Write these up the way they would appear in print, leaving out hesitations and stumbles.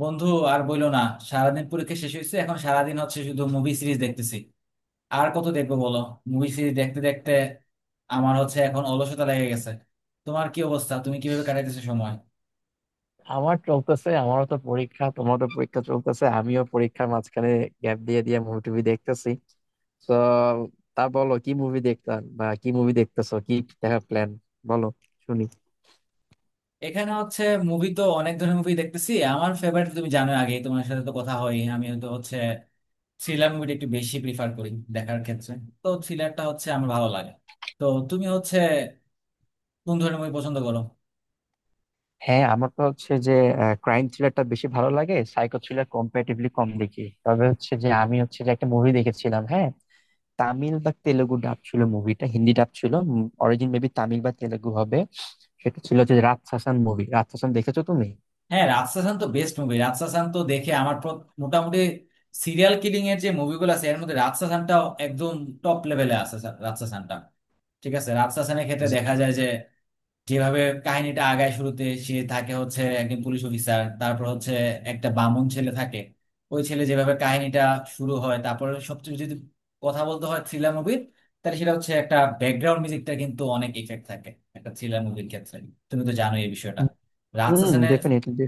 বন্ধু, আর বইলো না। সারাদিন পরীক্ষা শেষ হয়েছে, এখন সারাদিন হচ্ছে শুধু মুভি সিরিজ দেখতেছি। আর কত দেখবো বলো, মুভি সিরিজ দেখতে দেখতে আমার হচ্ছে এখন অলসতা লেগে গেছে। তোমার কি অবস্থা, তুমি কিভাবে কাটাইতেছো সময়? আমার চলতেছে, আমারও তো পরীক্ষা, তোমারও তো পরীক্ষা চলতেছে। আমিও পরীক্ষার মাঝখানে গ্যাপ দিয়ে দিয়ে মুভি টুভি দেখতেছি তো। তা বলো, কি মুভি দেখতাম বা কি মুভি দেখতেছো, কি দেখার প্ল্যান, বলো, শুনি। এখানে হচ্ছে মুভি তো অনেক ধরনের মুভি দেখতেছি। আমার ফেভারিট তুমি জানো, আগে তোমার সাথে তো কথা হয়, আমি তো হচ্ছে থ্রিলার মুভিটা একটু বেশি প্রিফার করি দেখার ক্ষেত্রে। তো থ্রিলারটা হচ্ছে আমার ভালো লাগে। তো তুমি হচ্ছে কোন ধরনের মুভি পছন্দ করো? হ্যাঁ, আমার তো হচ্ছে যে ক্রাইম থ্রিলারটা বেশি ভালো লাগে, সাইকো থ্রিলার কম্পারেটিভলি কম দেখি। তবে হচ্ছে যে আমি হচ্ছে যে একটা মুভি দেখেছিলাম, হ্যাঁ, তামিল বা তেলেগু ডাব ছিল মুভিটা, হিন্দি ডাব ছিল, অরিজিন মেবি তামিল বা তেলেগু হবে। সেটা ছিল হচ্ছে রাতসাসান মুভি। রাতসাসান দেখেছো তুমি? হ্যাঁ, রাজশাসন তো বেস্ট মুভি। রাজশাসন তো দেখে আমার মোটামুটি সিরিয়াল কিলিং এর যে মুভিগুলো আছে এর মধ্যে রাজশাসনটা একদম টপ লেভেলে আছে। রাজশাসনটা ঠিক আছে। রাজশাসনের ক্ষেত্রে জি। দেখা যায় যে যেভাবে কাহিনীটা আগায়, শুরুতে সে থাকে হচ্ছে একজন পুলিশ অফিসার, তারপর হচ্ছে একটা বামুন ছেলে থাকে। ওই ছেলে যেভাবে কাহিনীটা শুরু হয়, তারপরে সবচেয়ে যদি কথা বলতে হয় থ্রিলার মুভির, তাহলে সেটা হচ্ছে একটা ব্যাকগ্রাউন্ড মিউজিকটা কিন্তু অনেক ইফেক্ট থাকে একটা থ্রিলার মুভির ক্ষেত্রে। তুমি তো জানো এই বিষয়টা, হুম, রাজশাসনের। ডেফিনেটলি।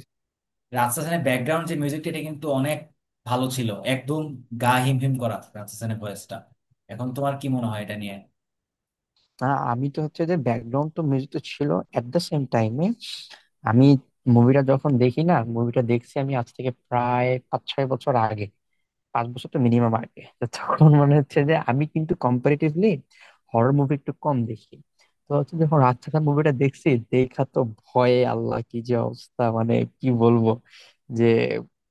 রাজশাসনের ব্যাকগ্রাউন্ড যে মিউজিকটা, এটা কিন্তু অনেক ভালো ছিল। একদম গা হিমহিম করা রাজশাসনের ভয়েসটা। এখন তোমার কি মনে হয় এটা নিয়ে? না, আমি তো হচ্ছে যে ব্যাকগ্রাউন্ড তো মিউজিক তো ছিল, এট দ্য সেম টাইমে আমি মুভিটা যখন দেখি না, মুভিটা দেখছি আমি আজ থেকে প্রায় 5-6 বছর আগে। 5 বছর তো মিনিমাম আগে তো, তখন মনে হচ্ছে যে আমি কিন্তু কম্পারেটিভলি হরর মুভি একটু কম দেখি। তো হচ্ছে যখন রাতসানা মুভিটা দেখছি দেখা তো, ভয়ে আল্লাহ, কি যে অবস্থা, মানে কি বলবো, যে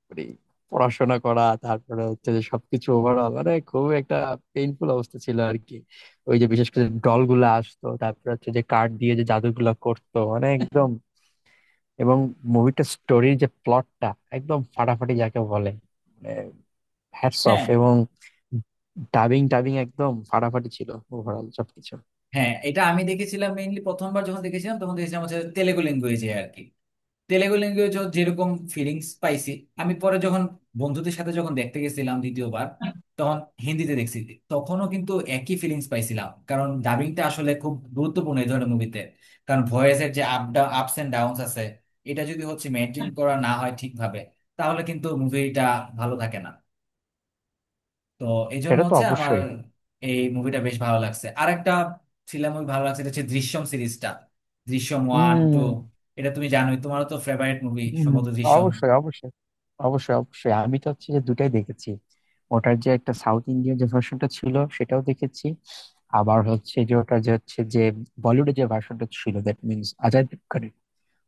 মানে পড়াশোনা করা, তারপরে হচ্ছে যে সবকিছু ওভারঅল, মানে খুব একটা পেইনফুল অবস্থা ছিল আর কি। ওই যে বিশেষ করে ডল গুলা আসতো, তারপরে হচ্ছে যে কার্ড দিয়ে যে জাদুগুলা করতো, মানে একদম। এবং মুভিটা স্টোরির যে প্লটটা, একদম ফাটাফাটি যাকে বলে, মানে হ্যাটস অফ। হ্যাঁ, এবং ডাবিং টাবিং একদম ফাটাফাটি ছিল, ওভারঅল সবকিছু। হ্যাঁ, এটা আমি দেখেছিলাম। মেইনলি প্রথমবার যখন দেখেছিলাম তখন দেখেছিলাম হচ্ছে তেলেগু ল্যাঙ্গুয়েজে আর কি। তেলেগু ল্যাঙ্গুয়েজ যেরকম ফিলিংস পাইছি, আমি পরে যখন বন্ধুদের সাথে যখন দেখতে গেছিলাম দ্বিতীয়বার, তখন হিন্দিতে দেখছি। তখনও কিন্তু একই ফিলিংস পাইছিলাম, কারণ ডাবিংটা আসলে খুব গুরুত্বপূর্ণ এই ধরনের মুভিতে। কারণ ভয়েসের যে up down, ups and downs আছে, এটা যদি হচ্ছে মেনটেন করা না হয় ঠিকভাবে, তাহলে কিন্তু মুভিটা ভালো থাকে না। তো এই জন্য সেটা তো হচ্ছে আমার অবশ্যই। এই মুভিটা বেশ ভালো লাগছে। আর একটা থ্রিলার মুভি ভালো লাগছে, এটা হচ্ছে দৃশ্যম সিরিজটা, দৃশ্যম ওয়ান টু। হম এটা তুমি জানোই, তোমারও তো ফেভারিট মুভি হম। সম্ভবত দৃশ্যম। অবশ্যই অবশ্যই, অবশ্যই অবশ্যই, আমি তো হচ্ছে যে দুটাই দেখেছি। ওটার যে একটা সাউথ ইন্ডিয়ান যে ভার্সনটা ছিল সেটাও দেখেছি। আবার হচ্ছে যে ওটা যে হচ্ছে যে বলিউডের যে ভার্সনটা ছিল, দ্যাট মিনস অজয় দেবগনের,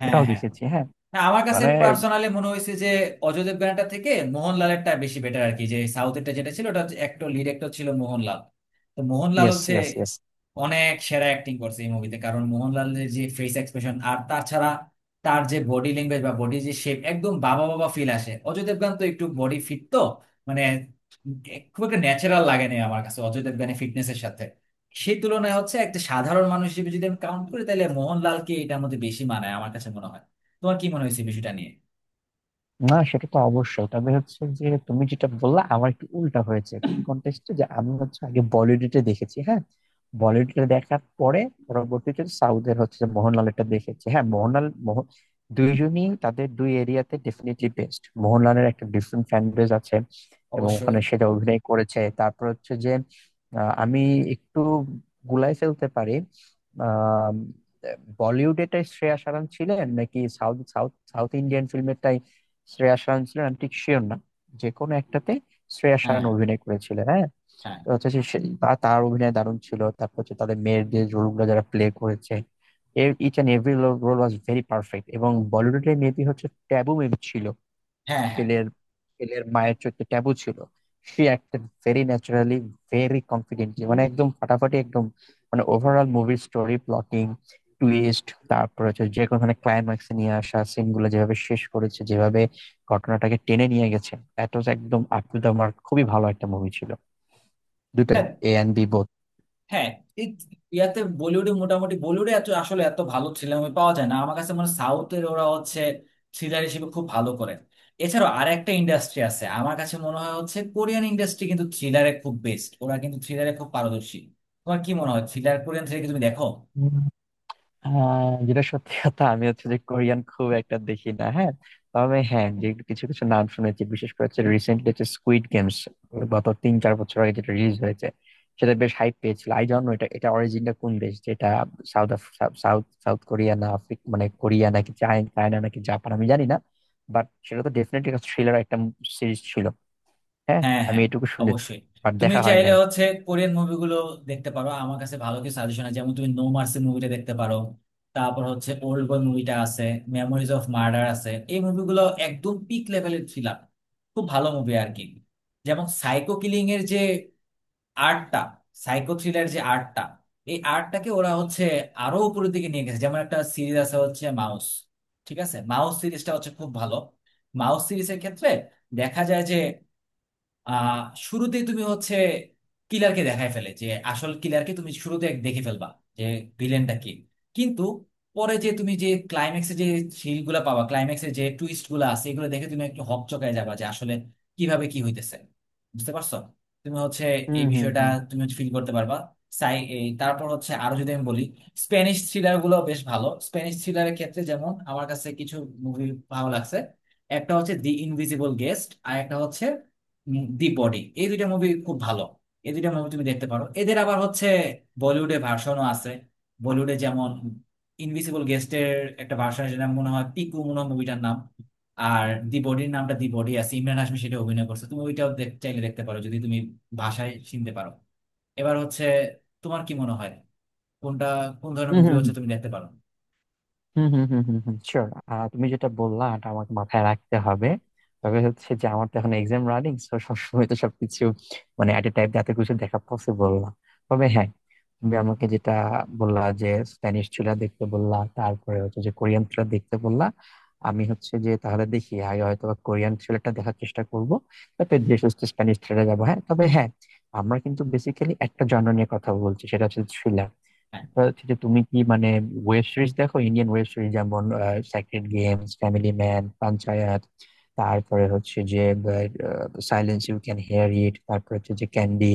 হ্যাঁ, ওটাও হ্যাঁ। দেখেছি, হ্যাঁ। হ্যাঁ, আমার কাছে মানে পার্সোনালি মনে হয়েছে যে অজয় দেবগানটা থেকে মোহনলালেরটা বেশি বেটার আর কি। যে সাউথেরটা যেটা ছিল, ওটা হচ্ছে একটা লিড অ্যাক্টর ছিল মোহনলাল। তো মোহনলাল ইয়েস হচ্ছে ইয়েস ইয়েস। অনেক সেরা অ্যাক্টিং করছে এই মুভিতে, কারণ মোহনলালের যে ফেস এক্সপ্রেশন, আর তাছাড়া তার যে বডি ল্যাঙ্গুয়েজ বা বডি যে শেপ, একদম বাবা বাবা ফিল আসে। অজয় দেবগান তো একটু বডি ফিট তো, মানে খুব একটা ন্যাচারাল লাগে না আমার কাছে অজয় দেবগানের ফিটনেসের সাথে। সেই তুলনায় হচ্ছে একটা সাধারণ মানুষ হিসেবে যদি আমি কাউন্ট করি, তাহলে মোহনলালকে এটার মধ্যে বেশি মানায় আমার কাছে মনে হয়। তোমার কি মনে হয়েছে বিষয়টা নিয়ে? না, সেটা তো অবশ্যই, তবে হচ্ছে যে তুমি যেটা বললা, আমার একটু উল্টা হয়েছে কন্টেস্টে। যে আমি হচ্ছে আগে বলিউডে দেখেছি, হ্যাঁ, বলিউডে দেখার পরে পরবর্তীতে সাউথের হচ্ছে মোহনলালটা দেখেছি, হ্যাঁ। মোহনলাল, মোহন, দুইজনই তাদের দুই এরিয়াতে ডেফিনেটলি বেস্ট। মোহনলালের একটা ডিফারেন্ট ফ্যান বেজ আছে এবং অবশ্যই। ওখানে সেটা অভিনয় করেছে। তারপর হচ্ছে যে আমি একটু গুলাই ফেলতে পারি। আহ বলিউডেটাই শ্রেয়া সারান ছিলেন, নাকি সাউথ, সাউথ, সাউথ ইন্ডিয়ান ফিল্মেরটাই শ্রেয়া শায়ন ছিলেন, আমি ঠিক শিওর না। যে কোনো একটাতে শ্রেয়া শায়ন হ্যাঁ, অভিনয় করেছিলেন, হ্যাঁ। হ্যাঁ, তো হচ্ছে যে তার অভিনয় দারুণ ছিল। তারপর হচ্ছে তাদের মেয়ের যে রোলগুলো যারা প্লে করেছে, each and every role was very perfect. এবং বলিউডের মেয়েটি হচ্ছে ট্যাবু মেবি ছিল, হ্যাঁ, হ্যাঁ, ছেলের ছেলের মায়ের চোখে ট্যাবু ছিল। সে একটা ভেরি ন্যাচারালি, ভেরি কনফিডেন্টলি, মানে একদম ফাটাফাটি একদম, মানে ওভারঅল মুভির স্টোরি প্লটিং, টুইস্ট, তারপর হচ্ছে যে কোনো ধরনের ক্লাইম্যাক্স নিয়ে আসা সিন গুলো যেভাবে শেষ করেছে, যেভাবে ঘটনাটাকে টেনে নিয়ে গেছে, দ্যাট ওয়াজ একদম আপ টু দা মার্ক। খুবই ভালো একটা মুভি ছিল দুটাই, হ্যাঁ, এ এন্ড বি বোথ। হ্যাঁ। এই ইয়াতে বলিউডে মোটামুটি, বলিউডে এত আসলে এত ভালো থ্রিলার মুভি পাওয়া যায় না আমার কাছে মনে হয়। সাউথের ওরা হচ্ছে থ্রিলার হিসেবে খুব ভালো করে। এছাড়াও আরেকটা ইন্ডাস্ট্রি আছে আমার কাছে মনে হয় হচ্ছে কোরিয়ান ইন্ডাস্ট্রি, কিন্তু থ্রিলারে খুব বেস্ট ওরা, কিন্তু থ্রিলারে খুব পারদর্শী। তোমার কি মনে হয় থ্রিলার, কোরিয়ান থ্রিলার কি তুমি দেখো? হ্যাঁ, যেটা সত্যি কথা, আমি হচ্ছে যে কোরিয়ান খুব একটা দেখি না, হ্যাঁ। তবে হ্যাঁ যে কিছু কিছু নাম শুনেছি, বিশেষ করে হচ্ছে রিসেন্টলি হচ্ছে স্কুইড গেমস, গত 3-4 বছর আগে যেটা রিলিজ হয়েছে, সেটা বেশ হাইপ পেয়েছিল। আই জানো এটা এটা অরিজিনটা কোন দেশ, যেটা সাউথ, সাউথ, সাউথ কোরিয়া না আফ্রিকা, মানে কোরিয়া নাকি চায়না নাকি জাপান, আমি জানি না। বাট সেটা তো ডেফিনেটলি একটা থ্রিলার একটা সিরিজ ছিল, হ্যাঁ, হ্যাঁ, আমি হ্যাঁ, এটুকু শুনেছি। অবশ্যই। বাট তুমি দেখা হয় চাইলে নাই। হচ্ছে কোরিয়ান মুভিগুলো দেখতে পারো। আমার কাছে ভালো কিছু সাজেশন আছে, যেমন তুমি নো মার্সি মুভিটা দেখতে পারো, তারপর হচ্ছে ওল্ড বয় মুভিটা আছে, মেমোরিজ অফ মার্ডার আছে। এই মুভিগুলো একদম পিক লেভেলের থ্রিলার, খুব ভালো মুভি আর কি। যেমন সাইকো কিলিং এর যে আর্টটা, সাইকো থ্রিলার যে আর্টটা, এই আর্টটাকে ওরা হচ্ছে আরো উপরের দিকে নিয়ে গেছে। যেমন একটা সিরিজ আছে হচ্ছে মাউস। ঠিক আছে, মাউস সিরিজটা হচ্ছে খুব ভালো। মাউস সিরিজের ক্ষেত্রে দেখা যায় যে আহ শুরুতেই তুমি হচ্ছে কিলারকে দেখায় ফেলে, যে আসল কিলারকে তুমি শুরুতে এক দেখে ফেলবা, যে ভিলেনটা কি। কিন্তু পরে যে তুমি যে ক্লাইম্যাক্সে যে সিলগুলা পাবা, ক্লাইম্যাক্সে যে টুইস্ট গুলা আছে, এগুলো দেখে তুমি একটু হকচকায় যাবা যে আসলে কিভাবে কি হইতেছে। বুঝতে পারছো তুমি হচ্ছে হুম এই বিষয়টা, হুম তুমি হচ্ছে ফিল করতে পারবা। সাই এই তারপর হচ্ছে আরো যদি আমি বলি, স্প্যানিশ থ্রিলার গুলো বেশ ভালো। স্প্যানিশ থ্রিলারের ক্ষেত্রে যেমন আমার কাছে কিছু মুভি ভালো লাগছে। একটা হচ্ছে দি ইনভিজিবল গেস্ট, আর একটা হচ্ছে দি বডি। এই দুইটা মুভি খুব ভালো, এই দুইটা মুভি তুমি দেখতে পারো। এদের আবার হচ্ছে বলিউডে ভার্সনও আছে। বলিউডে যেমন ইনভিসিবল গেস্টের একটা ভার্সন আছে, যেটা মনে হয় পিকু মনে হয় মুভিটার নাম। আর দি বডির নামটা দি বডি আছে, ইমরান হাশমি সেটা অভিনয় করছে, তুমি ওইটাও চাইলে দেখতে পারো যদি তুমি ভাষায় চিনতে পারো। এবার হচ্ছে তোমার কি মনে হয় কোনটা, কোন ধরনের মুভি হুম হচ্ছে তুমি দেখতে পারো? হুম হুম হুম হুম হুম শিওর। তুমি যেটা বললা এটা আমাকে মাথায় রাখতে হবে। তবে হচ্ছে যে আমার তো এখন এক্সাম রানিং, তো সবসময় তো সবকিছু, মানে এট এ টাইম এত কিছু দেখা পসিবল না। তবে হ্যাঁ, তুমি আমাকে যেটা বললা, যে স্প্যানিশ থ্রিলার দেখতে বললা, তারপরে হচ্ছে যে কোরিয়ান থ্রিলার দেখতে বললা, আমি হচ্ছে যে তাহলে দেখি, আগে হয়তো বা কোরিয়ান থ্রিলারটা দেখার চেষ্টা করবো, তারপরে ধীরে সুস্থে স্প্যানিশ থ্রিলারে যাবো, হ্যাঁ। তবে হ্যাঁ, আমরা কিন্তু বেসিক্যালি একটা জনর নিয়ে কথা বলছি, সেটা হচ্ছে থ্রিলার। হ্যাঁ, তা হচ্ছে যে তুমি কি মানে ওয়েব সিরিজ দেখো? ইন্ডিয়ান ওয়েব সিরিজ, যেমন Sacred Games, Family Man, Panchayat, তারপরে হচ্ছে যে Silence, You Can Hear It, তারপরে হচ্ছে যে ক্যান্ডি,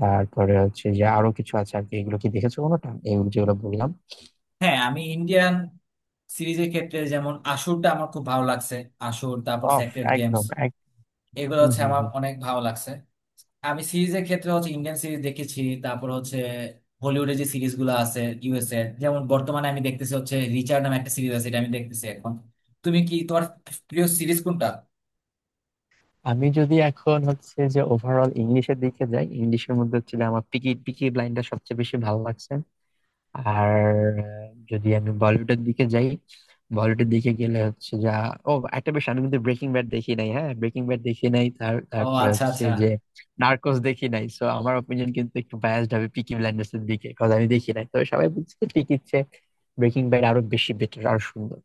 তারপরে হচ্ছে যে আরো কিছু আছে আর কি, এগুলো কি দেখেছো কোনোটা, এগুলো যেগুলো বললাম? হ্যাঁ, আমি ইন্ডিয়ান সিরিজের ক্ষেত্রে যেমন আসুরটা আমার খুব ভালো লাগছে, আসুর, তারপর অফ, সেক্রেড গেমস, একদম এক। এগুলো হুম হচ্ছে হুম আমার হুম। অনেক ভালো লাগছে। আমি সিরিজের ক্ষেত্রে হচ্ছে ইন্ডিয়ান সিরিজ দেখেছি, তারপর হচ্ছে হলিউডের যে সিরিজ গুলো আছে ইউএস এর, যেমন বর্তমানে আমি দেখতেছি হচ্ছে রিচার্ড নামে একটা সিরিজ আছে, এটা আমি দেখতেছি এখন। তুমি কি, তোমার প্রিয় সিরিজ কোনটা? আমি যদি এখন হচ্ছে যে ওভারঅল ইংলিশের দিকে যাই, ইংলিশের মধ্যে হচ্ছে যে আমার পিকি পিকি ব্লাইন্ডার সবচেয়ে বেশি ভালো লাগছে। আর যদি আমি বলিউডের দিকে যাই, বলিউডের দিকে গেলে হচ্ছে যা, ও একটা বেশ, আমি কিন্তু ব্রেকিং ব্যাড দেখি নাই, হ্যাঁ ব্রেকিং ব্যাড দেখি নাই, ও, তারপরে আচ্ছা হচ্ছে আচ্ছা। যে নার্কোস দেখি নাই। সো আমার অপিনিয়ন কিন্তু একটু বায়াসড হবে পিকি ব্লাইন্ডার্স এর দিকে, কারণ আমি দেখি নাই, তবে সবাই বলছে যে ঠিক ইচ্ছে ব্রেকিং ব্যাড আরো বেশি বেটার আর সুন্দর,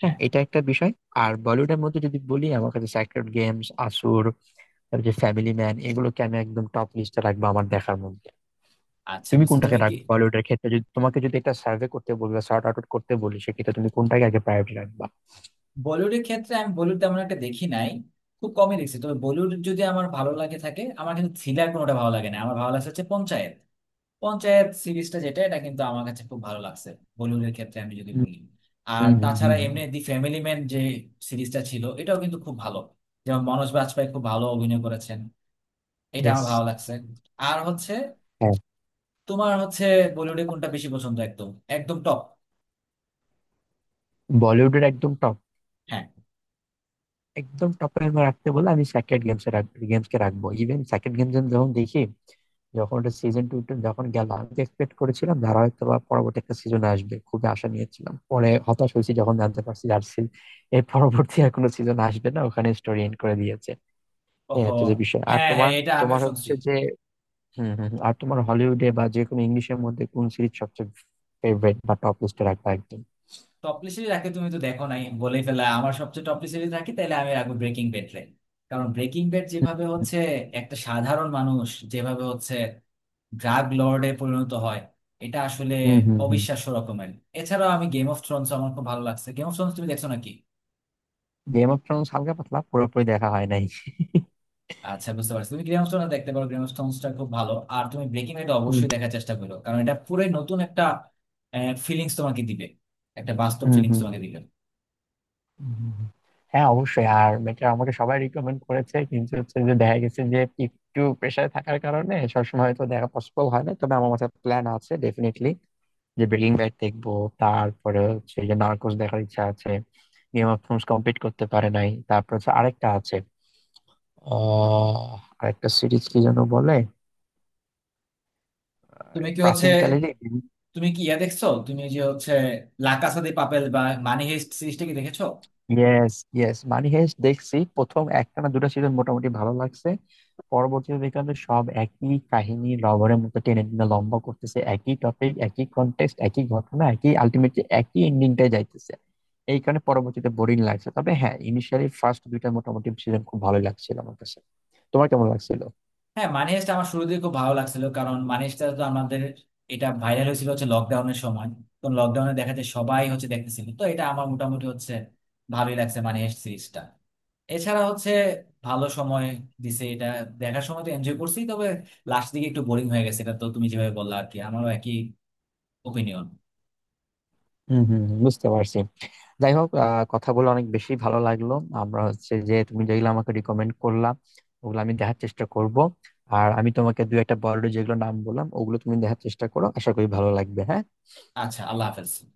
হ্যাঁ হ্যাঁ। এটা একটা বিষয়। আর বলিউডের মধ্যে যদি বলি, আমার কাছে স্যাক্রেড গেমস, আসুর, তারপর যে ফ্যামিলি ম্যান, এগুলোকে আমি একদম টপ লিস্টে রাখবো আমার দেখার মধ্যে। আচ্ছা, তুমি বুঝছো কোনটাকে তুমি কি? রাখবে বলিউডের ক্ষেত্রে? যদি তোমাকে যদি একটা সার্ভে করতে বলি বা সর্ট আউট করতে বলি, সেক্ষেত্রে তুমি কোনটাকে আগে প্রায়োরিটি রাখবা? বলিউডের ক্ষেত্রে আমি বলিউড তেমন একটা দেখি নাই, খুব কমই দেখছি। তবে বলিউড যদি আমার ভালো লাগে থাকে, আমার কিন্তু থ্রিলার কোনোটা ভালো লাগে না। আমার ভালো লাগছে হচ্ছে পঞ্চায়েত, পঞ্চায়েত সিরিজটা যেটা, এটা কিন্তু আমার কাছে খুব ভালো লাগছে বলিউডের ক্ষেত্রে আমি যদি হুম বলি। আর হুম তাছাড়া হুম। এমনি দি ফ্যামিলি ম্যান যে সিরিজটা ছিল, এটাও কিন্তু খুব ভালো। যেমন মনোজ বাজপেয়ী খুব ভালো অভিনয় করেছেন, এটা আমার ইয়েস। ভালো লাগছে। আর হচ্ছে হ্যাঁ। তোমার হচ্ছে বলিউডে কোনটা বেশি পছন্দ, একদম একদম টপ? বলিউডের একদম টপ, হ্যাঁ। একদম টপে রাখতে বলে আমি স্যাক্রেড গেমস এ রাখবো, গেমস কে রাখবো। ইভেন স্যাক্রেড গেমস যখন দেখি, যখন ওটা সিজন 2 যখন গেল, আমি এক্সপেক্ট করেছিলাম ধারা হয়তো বা পরবর্তী একটা সিজন আসবে, খুবই আশা নিয়েছিলাম, পরে হতাশ হয়েছি যখন জানতে পারছি আর এর পরবর্তী আর কোনো সিজন আসবে না, ওখানে স্টোরি এন্ড করে দিয়েছে। এই ওহো। হচ্ছে যে বিষয়। আর হ্যাঁ, হ্যাঁ, তোমার, এটা আমিও তোমার শুনছি। হচ্ছে যে, হম হম, আর তোমার হলিউডে বা যে কোনো ইংলিশের মধ্যে কোন সিরিজ সবচেয়ে ফেভারিট বা টপ লিস্টে রাখবা একদম? টপলি সিরিজ রাখে, তুমি তো দেখো নাই বলেই ফেলা, আমার সবচেয়ে টপলি সিরিজ রাখি তাহলে আমি রাখবো ব্রেকিং ব্যাড রে। কারণ ব্রেকিং ব্যাড যেভাবে হচ্ছে একটা সাধারণ মানুষ যেভাবে হচ্ছে ড্রাগ লর্ডে পরিণত হয়, এটা আসলে হম হম হম। অবিশ্বাস্য রকমের। এছাড়াও আমি গেম অফ থ্রোনস আমার খুব ভালো লাগছে। গেম অফ থ্রোনস তুমি দেখছো নাকি? গেম অফ থ্রোনস হালকা পাতলা, পুরোপুরি দেখা হয় নাই। আচ্ছা, বুঝতে পারছি। তুমি গেম অফ থ্রোনস দেখতে পারো, গেম অফ থ্রোনসটা খুব ভালো। আর তুমি ব্রেকিং ব্যাড হুম, অবশ্যই দেখার চেষ্টা করো, কারণ এটা পুরো নতুন একটা ফিলিংস তোমাকে দিবে, একটা বাস্তব হুম, ফিলিংস হুম, তোমাকে দিবে। হুম, হুম, হুম। হ্যাঁ অবশ্যই, আর এটা আমাকে সবাই রিকমেন্ড করেছে, কিন্তু হচ্ছে যে দেখা গেছে যে একটু প্রেশারে থাকার কারণে সবসময় হয়তো দেখা পসিবল হয় না। তবে আমার মাথায় প্ল্যান আছে ডেফিনেটলি যে ব্রেকিং ব্যাড দেখবো, তারপরে হচ্ছে যে নার্কোস দেখার ইচ্ছা আছে, গেম অফ থ্রোনস কমপ্লিট করতে পারে নাই। তারপর হচ্ছে আরেকটা আছে, আহ আরেকটা সিরিজ কি যেন বলে, আরে, তুমি কি হচ্ছে, প্রাচীনকালেরই। তুমি কি ইয়া দেখছো, তুমি যে হচ্ছে লা কাসা দে পাপেল বা মানি হেস্ট সিরিজটা কি দেখেছো? ইয়েস ইয়েস, মানি হেস্ট দেখছি, প্রথম একটা না দুটা সিজন মোটামুটি ভালো লাগছে, পরবর্তী বিকালে সব একই কাহিনী রবারের মতো টেনে টেনে লম্বা করতেছে, একই টপিক, একই কনটেক্সট, একই ঘটনা, একই আলটিমেটলি একই এন্ডিংটাই যাইতেছে। এই কারণে পরবর্তীতে বোরিং লাগছে। তবে হ্যাঁ, ইনিশিয়ালি ফার্স্ট দুইটা মোটামুটি সিজন খুব ভালো লাগছিল আমার কাছে। তোমার কেমন লাগছিল? হ্যাঁ, মানি হাইস্ট আমার শুরু থেকে খুব ভালো লাগছিল, কারণ মানি হাইস্টটা তো আমাদের এটা ভাইরাল হয়েছিল হচ্ছে লকডাউনের সময়। তো লকডাউনে দেখা যায় সবাই হচ্ছে দেখতেছিল, তো এটা আমার মোটামুটি হচ্ছে ভালোই লাগছে মানি হাইস্ট সিরিজটা। এছাড়া হচ্ছে ভালো সময় দিছে এটা, দেখার সময় তো এনজয় করছি। তবে লাস্ট দিকে একটু বোরিং হয়ে গেছে, এটা তো তুমি যেভাবে বললা আর কি, আমারও একই ওপিনিয়ন। হম হম, বুঝতে পারছি। যাই হোক, কথা বলে অনেক বেশি ভালো লাগলো। আমরা হচ্ছে যে তুমি যেগুলো আমাকে রিকমেন্ড করলাম ওগুলো আমি দেখার চেষ্টা করব, আর আমি তোমাকে দু একটা বড় যেগুলো নাম বললাম ওগুলো তুমি দেখার চেষ্টা করো, আশা করি ভালো লাগবে, হ্যাঁ। আচ্ছা, আল্লাহ হাফেজ।